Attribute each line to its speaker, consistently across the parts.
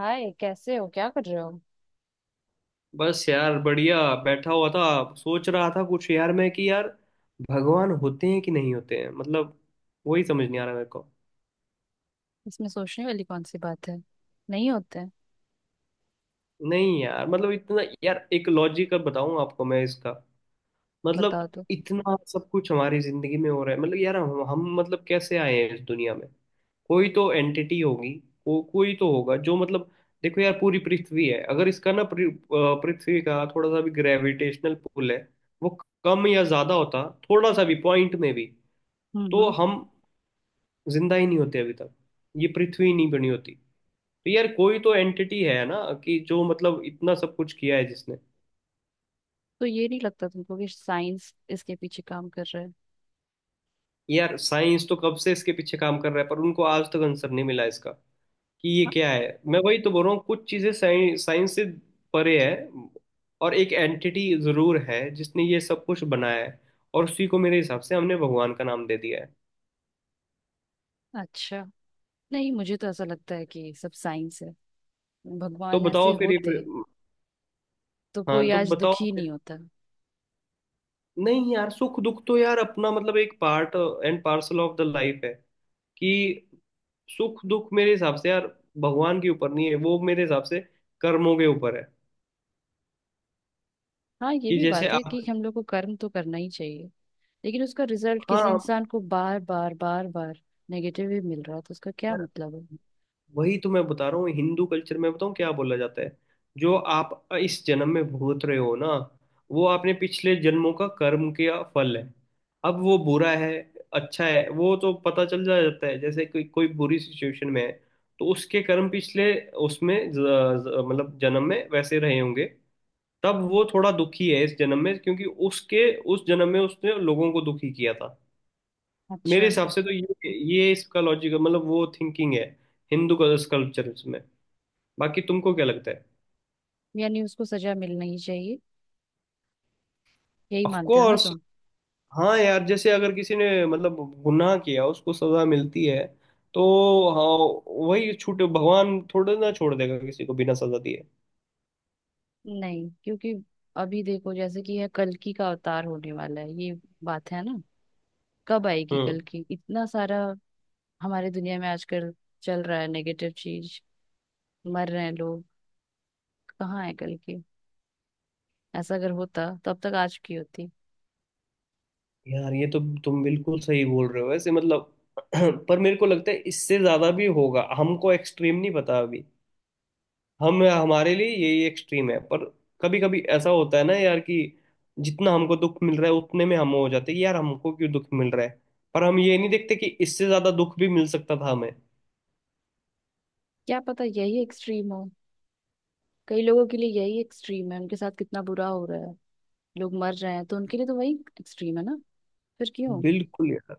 Speaker 1: हाय, कैसे हो? क्या कर रहे हो?
Speaker 2: बस यार बढ़िया। बैठा हुआ था। सोच रहा था कुछ यार मैं कि यार भगवान होते हैं कि नहीं होते हैं मतलब वही समझ नहीं आ रहा मेरे को।
Speaker 1: इसमें सोचने वाली कौन सी बात है। नहीं होते हैं।
Speaker 2: नहीं यार मतलब इतना यार एक लॉजिकल बताऊं आपको मैं इसका। मतलब
Speaker 1: बता दो।
Speaker 2: इतना सब कुछ हमारी जिंदगी में हो रहा है मतलब यार हम मतलब कैसे आए हैं इस दुनिया में। कोई तो एंटिटी होगी। कोई तो होगा जो मतलब। देखो यार पूरी पृथ्वी है अगर इसका ना पृथ्वी का थोड़ा सा भी ग्रेविटेशनल पुल है वो कम या ज्यादा होता थोड़ा सा भी पॉइंट में भी
Speaker 1: हम्म। हम्म।
Speaker 2: तो हम जिंदा ही नहीं होते अभी तक। ये पृथ्वी नहीं बनी होती। तो यार कोई तो एंटिटी है ना कि जो मतलब इतना सब कुछ किया है जिसने।
Speaker 1: तो ये नहीं लगता तुमको कि साइंस इसके पीछे काम कर रहा है?
Speaker 2: यार साइंस तो कब से इसके पीछे काम कर रहा है पर उनको आज तक आंसर नहीं मिला इसका कि ये
Speaker 1: हाँ।
Speaker 2: क्या है। मैं वही तो बोल रहा हूँ कुछ चीजें साइंस साइंस से परे है। और एक एंटिटी जरूर है जिसने ये सब कुछ बनाया है। और उसी को मेरे हिसाब से हमने भगवान का नाम दे दिया है।
Speaker 1: अच्छा। नहीं, मुझे तो ऐसा लगता है कि सब साइंस है।
Speaker 2: तो
Speaker 1: भगवान
Speaker 2: बताओ
Speaker 1: ऐसे
Speaker 2: फिर ये।
Speaker 1: होते तो
Speaker 2: हाँ
Speaker 1: कोई
Speaker 2: तो
Speaker 1: आज
Speaker 2: बताओ।
Speaker 1: दुखी नहीं होता।
Speaker 2: नहीं यार सुख दुख तो यार अपना मतलब एक part and parcel of the life है कि सुख दुख मेरे हिसाब से यार भगवान के ऊपर नहीं है वो मेरे हिसाब से कर्मों के ऊपर है।
Speaker 1: हाँ, ये
Speaker 2: कि
Speaker 1: भी
Speaker 2: जैसे
Speaker 1: बात है
Speaker 2: आप।
Speaker 1: कि हम लोग को कर्म तो करना ही चाहिए, लेकिन उसका रिजल्ट किसी
Speaker 2: हाँ
Speaker 1: इंसान को बार बार बार बार नेगेटिव ही मिल रहा है तो उसका क्या
Speaker 2: यार
Speaker 1: मतलब है?
Speaker 2: वही तो मैं बता रहा हूँ हिंदू कल्चर में बताऊँ क्या बोला जाता है। जो आप इस जन्म में भोग रहे हो ना वो आपने पिछले जन्मों का कर्म का फल है। अब वो बुरा है अच्छा है वो तो पता चल जा जाता है जैसे कोई कोई बुरी सिचुएशन में है तो उसके कर्म पिछले उसमें ज, ज, मतलब जन्म में वैसे रहे होंगे। तब वो थोड़ा दुखी है इस जन्म में क्योंकि उसके उस जन्म में उसने लोगों को दुखी किया था।
Speaker 1: अच्छा।
Speaker 2: मेरे हिसाब से तो ये इसका लॉजिक मतलब वो थिंकिंग है हिंदू कल्चर में। बाकी तुमको क्या लगता है।
Speaker 1: यानी उसको सजा मिलना ही चाहिए, यही
Speaker 2: ऑफ
Speaker 1: मानते हो ना
Speaker 2: कोर्स।
Speaker 1: तुम?
Speaker 2: हाँ यार जैसे अगर किसी ने मतलब गुनाह किया उसको सजा मिलती है तो। हाँ वही छूट भगवान थोड़े ना छोड़ देगा किसी को बिना सजा दिए।
Speaker 1: नहीं, क्योंकि अभी देखो जैसे कि यह कल्कि का अवतार होने वाला है, ये बात है ना। कब आएगी
Speaker 2: हम्म।
Speaker 1: कल्कि? इतना सारा हमारे दुनिया में आजकल चल रहा है, नेगेटिव चीज। मर रहे हैं लोग। कहाँ है कल्कि? ऐसा अगर होता तो अब तक आज की होती।
Speaker 2: यार ये तो तुम बिल्कुल सही बोल रहे हो वैसे मतलब पर मेरे को लगता है इससे ज्यादा भी होगा हमको एक्सट्रीम नहीं पता अभी। हम हमारे लिए यही एक्सट्रीम है पर कभी कभी ऐसा होता है ना यार कि जितना हमको दुख मिल रहा है उतने में हम हो जाते हैं कि यार हमको क्यों दुख मिल रहा है। पर हम ये नहीं देखते कि इससे ज्यादा दुख भी मिल सकता था हमें।
Speaker 1: क्या पता यही एक्सट्रीम हो। कई लोगों के लिए यही एक्सट्रीम है, उनके साथ कितना बुरा हो रहा है। लोग मर रहे हैं तो उनके लिए तो वही एक्सट्रीम है ना। फिर क्यों?
Speaker 2: बिल्कुल यार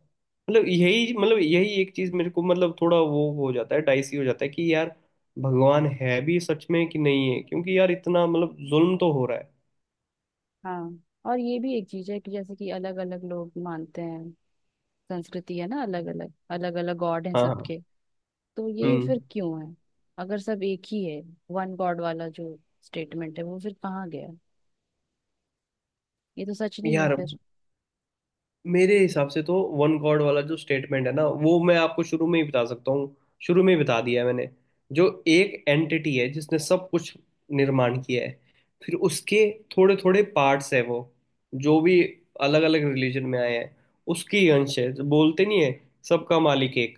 Speaker 2: मतलब यही एक चीज मेरे को मतलब थोड़ा वो हो जाता है डाइसी हो जाता है कि यार भगवान है भी सच में कि नहीं है क्योंकि यार इतना मतलब जुल्म तो हो रहा है।
Speaker 1: हाँ। और ये भी एक चीज है कि जैसे कि अलग अलग लोग मानते हैं, संस्कृति है ना, अलग अलग अलग अलग गॉड है
Speaker 2: हाँ हाँ।
Speaker 1: सबके। तो ये
Speaker 2: हम्म।
Speaker 1: फिर क्यों है? अगर सब एक ही है, वन गॉड वाला जो स्टेटमेंट है वो फिर कहाँ गया? ये तो सच नहीं है
Speaker 2: यार
Speaker 1: फिर।
Speaker 2: मेरे हिसाब से तो वन गॉड वाला जो स्टेटमेंट है ना वो मैं आपको शुरू में ही बता सकता हूँ। शुरू में ही बता दिया है मैंने। जो एक एंटिटी है जिसने सब कुछ निर्माण किया है फिर उसके थोड़े थोड़े पार्ट्स है वो जो भी अलग अलग रिलीजन में आए हैं उसकी ही अंश है जो बोलते नहीं है सबका मालिक एक।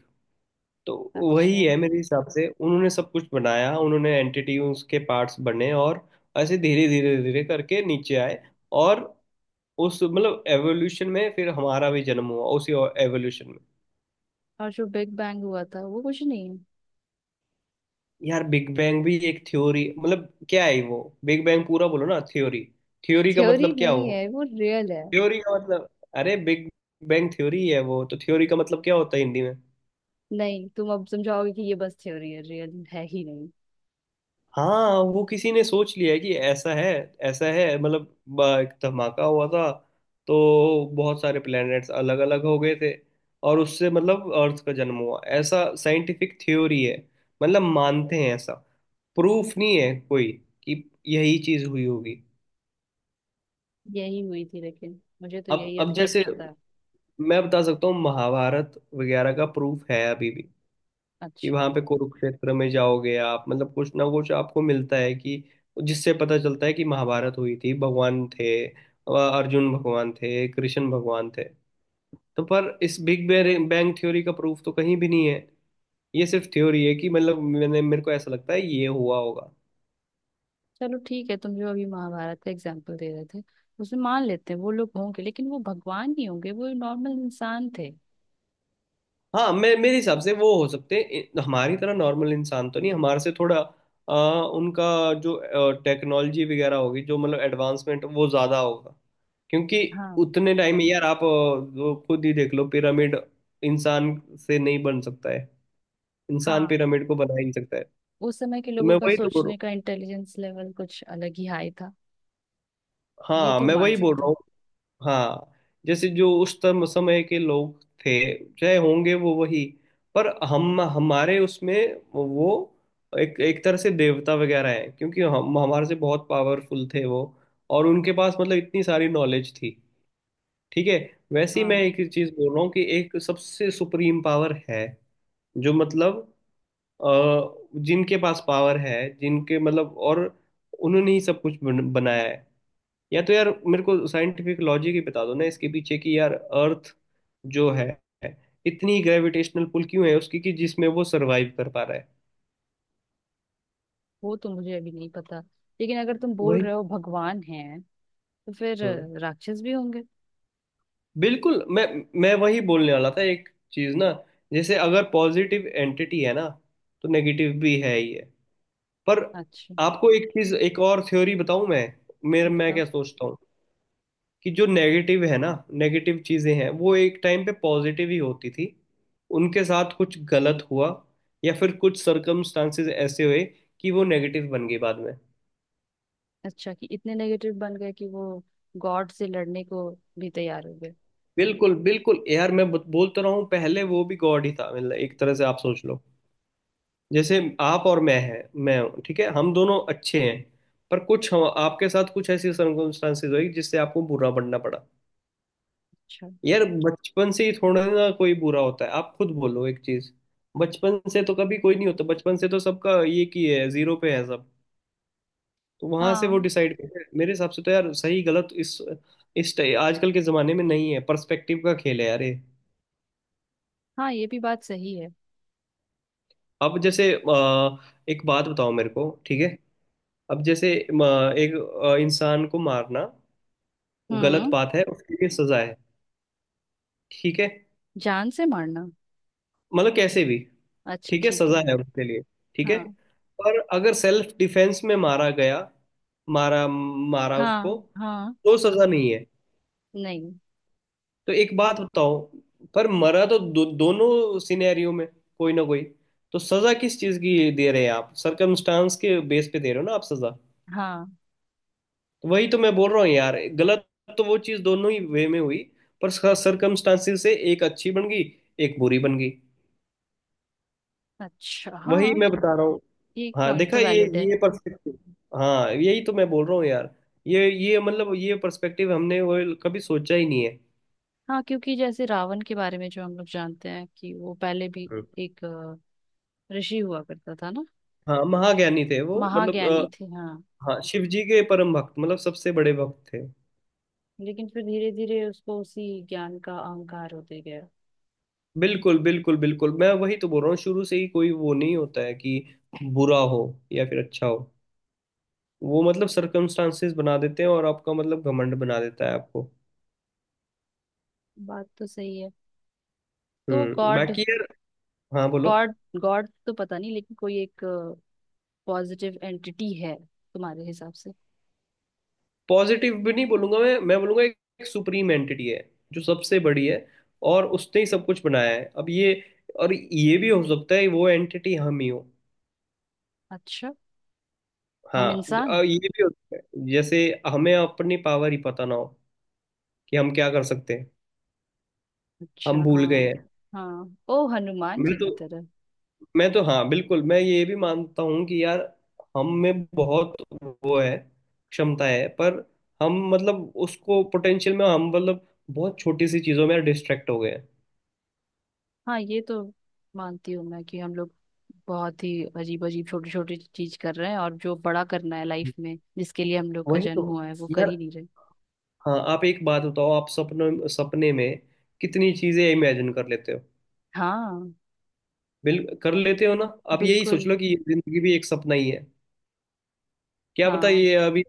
Speaker 2: तो वही
Speaker 1: अच्छा।
Speaker 2: है मेरे हिसाब से उन्होंने सब कुछ बनाया उन्होंने एंटिटी उसके पार्ट्स बने। और ऐसे धीरे धीरे धीरे करके नीचे आए। और उस मतलब एवोल्यूशन में फिर हमारा भी जन्म हुआ उसी एवोल्यूशन में।
Speaker 1: और जो बिग बैंग हुआ था वो कुछ नहीं है?
Speaker 2: यार बिग बैंग भी एक थ्योरी मतलब क्या है वो। बिग बैंग पूरा बोलो ना थ्योरी। थ्योरी का
Speaker 1: थ्योरी
Speaker 2: मतलब क्या
Speaker 1: नहीं
Speaker 2: हो।
Speaker 1: है वो, रियल है।
Speaker 2: थ्योरी का मतलब। अरे बिग बैंग थ्योरी है वो तो। थ्योरी का मतलब क्या होता है हिंदी में।
Speaker 1: नहीं, तुम अब समझाओगे कि ये बस थ्योरी है, रियल है ही नहीं।
Speaker 2: हाँ वो किसी ने सोच लिया है कि ऐसा है। ऐसा है मतलब एक धमाका हुआ था तो बहुत सारे प्लैनेट्स अलग अलग हो गए थे और उससे मतलब अर्थ का जन्म हुआ ऐसा साइंटिफिक थ्योरी है। मतलब मानते हैं ऐसा। प्रूफ नहीं है कोई कि यही चीज हुई होगी।
Speaker 1: यही हुई थी, लेकिन मुझे तो
Speaker 2: अब
Speaker 1: यही अभी
Speaker 2: अब
Speaker 1: तक
Speaker 2: जैसे
Speaker 1: पता है।
Speaker 2: मैं बता सकता हूँ महाभारत वगैरह का प्रूफ है अभी भी। कि
Speaker 1: अच्छा।
Speaker 2: वहां पे कुरुक्षेत्र में जाओगे आप मतलब कुछ ना कुछ आपको मिलता है कि जिससे पता चलता है कि महाभारत हुई थी भगवान थे अर्जुन भगवान थे कृष्ण भगवान थे। तो पर इस बिग बैंग थ्योरी का प्रूफ तो कहीं भी नहीं है। ये सिर्फ थ्योरी है कि मतलब मैंने मेरे को ऐसा लगता है ये हुआ होगा।
Speaker 1: चलो ठीक है, तुम जो अभी महाभारत का एग्जाम्पल दे रहे थे, उसमें मान लेते हैं वो लोग होंगे, लेकिन वो भगवान नहीं होंगे, वो नॉर्मल इंसान थे।
Speaker 2: हाँ मैं मेरे हिसाब से वो हो सकते हैं हमारी तरह नॉर्मल इंसान तो नहीं हमारे से थोड़ा अ, उनका जो टेक्नोलॉजी वगैरह होगी जो मतलब एडवांसमेंट वो ज़्यादा होगा क्योंकि
Speaker 1: हाँ।
Speaker 2: उतने टाइम में यार आप वो खुद ही देख लो पिरामिड इंसान से नहीं बन सकता है। इंसान
Speaker 1: हाँ,
Speaker 2: पिरामिड को बना ही नहीं सकता है।
Speaker 1: उस समय के
Speaker 2: तो
Speaker 1: लोगों
Speaker 2: मैं
Speaker 1: का
Speaker 2: वही तो बोल रहा हूँ।
Speaker 1: सोचने का इंटेलिजेंस लेवल कुछ अलग ही हाई था। ये
Speaker 2: हाँ
Speaker 1: तो
Speaker 2: मैं
Speaker 1: मान
Speaker 2: वही बोल
Speaker 1: सकता
Speaker 2: रहा
Speaker 1: है।
Speaker 2: हूँ। हाँ जैसे जो उस समय के लोग थे चाहे होंगे वो वही। पर हम हमारे उसमें वो एक एक तरह से देवता वगैरह है क्योंकि हम हमारे से बहुत पावरफुल थे वो। और उनके पास मतलब इतनी सारी नॉलेज थी। ठीक है। वैसे ही मैं
Speaker 1: हाँ।
Speaker 2: एक ही चीज बोल रहा हूँ कि एक सबसे सुप्रीम पावर है जो मतलब अ, जिनके पास पावर है जिनके मतलब और उन्होंने ही सब कुछ बनाया है। या तो यार मेरे को साइंटिफिक लॉजिक ही बता दो ना इसके पीछे कि यार अर्थ जो है इतनी ग्रेविटेशनल पुल क्यों है उसकी कि जिसमें वो सरवाइव कर पा रहा है।
Speaker 1: वो तो मुझे अभी नहीं पता, लेकिन अगर तुम बोल
Speaker 2: वही।
Speaker 1: रहे हो भगवान हैं तो फिर
Speaker 2: हम्म।
Speaker 1: राक्षस भी होंगे।
Speaker 2: बिल्कुल। मैं वही बोलने वाला था एक चीज ना। जैसे अगर पॉजिटिव एंटिटी है ना तो नेगेटिव भी है ही है पर
Speaker 1: अच्छा।
Speaker 2: आपको एक चीज एक और थ्योरी बताऊं मैं मेरे मैं
Speaker 1: बताओ।
Speaker 2: क्या सोचता हूँ कि जो नेगेटिव है ना नेगेटिव चीजें हैं वो एक टाइम पे पॉजिटिव ही होती थी। उनके साथ कुछ गलत हुआ या फिर कुछ सर्कमस्टांसेस ऐसे हुए कि वो नेगेटिव बन गई बाद में।
Speaker 1: अच्छा, कि इतने नेगेटिव बन गए कि वो गॉड से लड़ने को भी तैयार हो गए?
Speaker 2: बिल्कुल बिल्कुल यार मैं बोलता रहा हूँ पहले वो भी गॉड ही था मतलब एक तरह से आप सोच लो। जैसे आप और मैं हैं मैं हूँ ठीक है हम दोनों अच्छे हैं पर कुछ आपके साथ कुछ ऐसी सर्कमस्टांसेस हुई जिससे आपको बुरा बनना पड़ा।
Speaker 1: अच्छा।
Speaker 2: यार बचपन से ही थोड़ा ना कोई बुरा होता है आप खुद बोलो एक चीज। बचपन से तो कभी कोई नहीं होता बचपन से तो सबका ये की है जीरो पे है सब। तो वहां से वो
Speaker 1: हाँ।
Speaker 2: डिसाइड करते हैं मेरे हिसाब से तो यार सही गलत इस आजकल के जमाने में नहीं है पर्सपेक्टिव का खेल है यार ये।
Speaker 1: हाँ, ये भी बात सही है।
Speaker 2: अब जैसे एक बात बताओ मेरे को ठीक है। अब जैसे एक इंसान को मारना गलत
Speaker 1: हम्म।
Speaker 2: बात है उसके लिए सजा है ठीक है।
Speaker 1: जान से मारना।
Speaker 2: मतलब कैसे भी।
Speaker 1: अच्छा,
Speaker 2: ठीक है
Speaker 1: ठीक
Speaker 2: सजा
Speaker 1: है।
Speaker 2: है उसके लिए ठीक है।
Speaker 1: हाँ।
Speaker 2: पर अगर सेल्फ डिफेंस में मारा गया मारा मारा उसको
Speaker 1: हाँ। हाँ।
Speaker 2: तो सजा नहीं है।
Speaker 1: नहीं।
Speaker 2: तो एक बात बताओ पर मरा तो दोनों सिनेरियो में कोई ना कोई। तो सजा किस चीज की दे रहे हैं आप सरकमस्टांस के बेस पे दे रहे हो ना आप सजा।
Speaker 1: हाँ।
Speaker 2: तो वही तो मैं बोल रहा हूँ यार गलत तो वो चीज दोनों ही वे में हुई पर सरकमस्टांसेस से एक अच्छी बन गई एक बुरी बन गई।
Speaker 1: अच्छा,
Speaker 2: वही
Speaker 1: हाँ।
Speaker 2: मैं बता रहा हूँ।
Speaker 1: ये एक
Speaker 2: हाँ
Speaker 1: पॉइंट
Speaker 2: देखा
Speaker 1: तो वैलिड है।
Speaker 2: ये पर्सपेक्टिव। हाँ यही तो मैं बोल रहा हूँ यार ये मतलब ये पर्सपेक्टिव हमने वो कभी सोचा ही नहीं है।
Speaker 1: हाँ, क्योंकि जैसे रावण के बारे में जो हम लोग जानते हैं कि वो पहले भी
Speaker 2: हम्म।
Speaker 1: एक ऋषि हुआ करता था ना।
Speaker 2: हाँ महाज्ञानी थे वो मतलब
Speaker 1: महाज्ञानी थे, हाँ।
Speaker 2: हाँ शिव जी के परम भक्त मतलब सबसे बड़े भक्त थे।
Speaker 1: लेकिन फिर धीरे धीरे उसको उसी ज्ञान का अहंकार होते गया।
Speaker 2: बिल्कुल बिल्कुल बिल्कुल मैं वही तो बोल रहा हूँ शुरू से ही कोई वो नहीं होता है कि बुरा हो या फिर अच्छा हो। वो मतलब सर्कमस्टांसेस बना देते हैं और आपका मतलब घमंड बना देता है आपको।
Speaker 1: बात तो सही है। तो गॉड,
Speaker 2: बाकी यार। हाँ बोलो।
Speaker 1: गॉड, गॉड तो पता नहीं, लेकिन कोई एक पॉजिटिव एंटिटी है तुम्हारे हिसाब से?
Speaker 2: पॉजिटिव भी नहीं बोलूंगा मैं बोलूंगा एक सुप्रीम एंटिटी है जो सबसे बड़ी है और उसने ही सब कुछ बनाया है अब ये। और ये भी हो सकता है वो एंटिटी हम ही हो।
Speaker 1: अच्छा।
Speaker 2: हाँ
Speaker 1: हम इंसान?
Speaker 2: ये भी हो सकता है जैसे हमें अपनी पावर ही पता ना हो कि हम क्या कर सकते हैं।
Speaker 1: अच्छा,
Speaker 2: हम भूल गए
Speaker 1: हाँ।
Speaker 2: हैं।
Speaker 1: हाँ, ओ हनुमान
Speaker 2: मैं
Speaker 1: जी
Speaker 2: तो
Speaker 1: की तरह।
Speaker 2: मैं तो हाँ बिल्कुल मैं ये भी मानता हूँ कि यार हम में बहुत वो है क्षमता है पर हम मतलब उसको पोटेंशियल में हम मतलब बहुत छोटी सी चीजों में डिस्ट्रैक्ट हो गए हैं।
Speaker 1: हाँ, ये तो मानती हूँ मैं कि हम लोग बहुत ही अजीब अजीब छोटी छोटी चीज कर रहे हैं और जो बड़ा करना है लाइफ में, जिसके लिए हम लोग का
Speaker 2: वही तो
Speaker 1: जन्म हुआ है, वो कर
Speaker 2: यार।
Speaker 1: ही नहीं रहे।
Speaker 2: हाँ आप एक बात बताओ आप सपनों सपने में कितनी चीजें इमेजिन कर लेते हो।
Speaker 1: हाँ।
Speaker 2: बिल कर लेते हो ना। आप यही सोच
Speaker 1: बिल्कुल।
Speaker 2: लो कि ये जिंदगी भी एक सपना ही है। क्या पता
Speaker 1: हाँ।
Speaker 2: ये अभी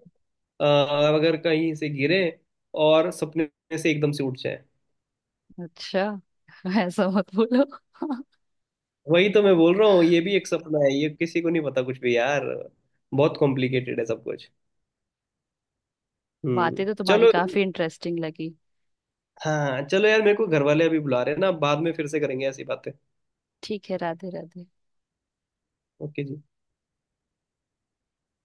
Speaker 2: अगर कहीं से गिरे और सपने से एकदम से उठ जाए।
Speaker 1: अच्छा। ऐसा मत बोलो।
Speaker 2: वही तो मैं बोल रहा हूँ ये भी एक सपना है ये किसी को नहीं पता कुछ भी यार बहुत कॉम्प्लिकेटेड है सब कुछ।
Speaker 1: बातें तो तुम्हारी
Speaker 2: चलो।
Speaker 1: काफी इंटरेस्टिंग लगी।
Speaker 2: हाँ चलो यार मेरे को घर वाले अभी बुला रहे हैं ना बाद में फिर से करेंगे ऐसी बातें।
Speaker 1: ठीक है, राधे राधे।
Speaker 2: ओके जी।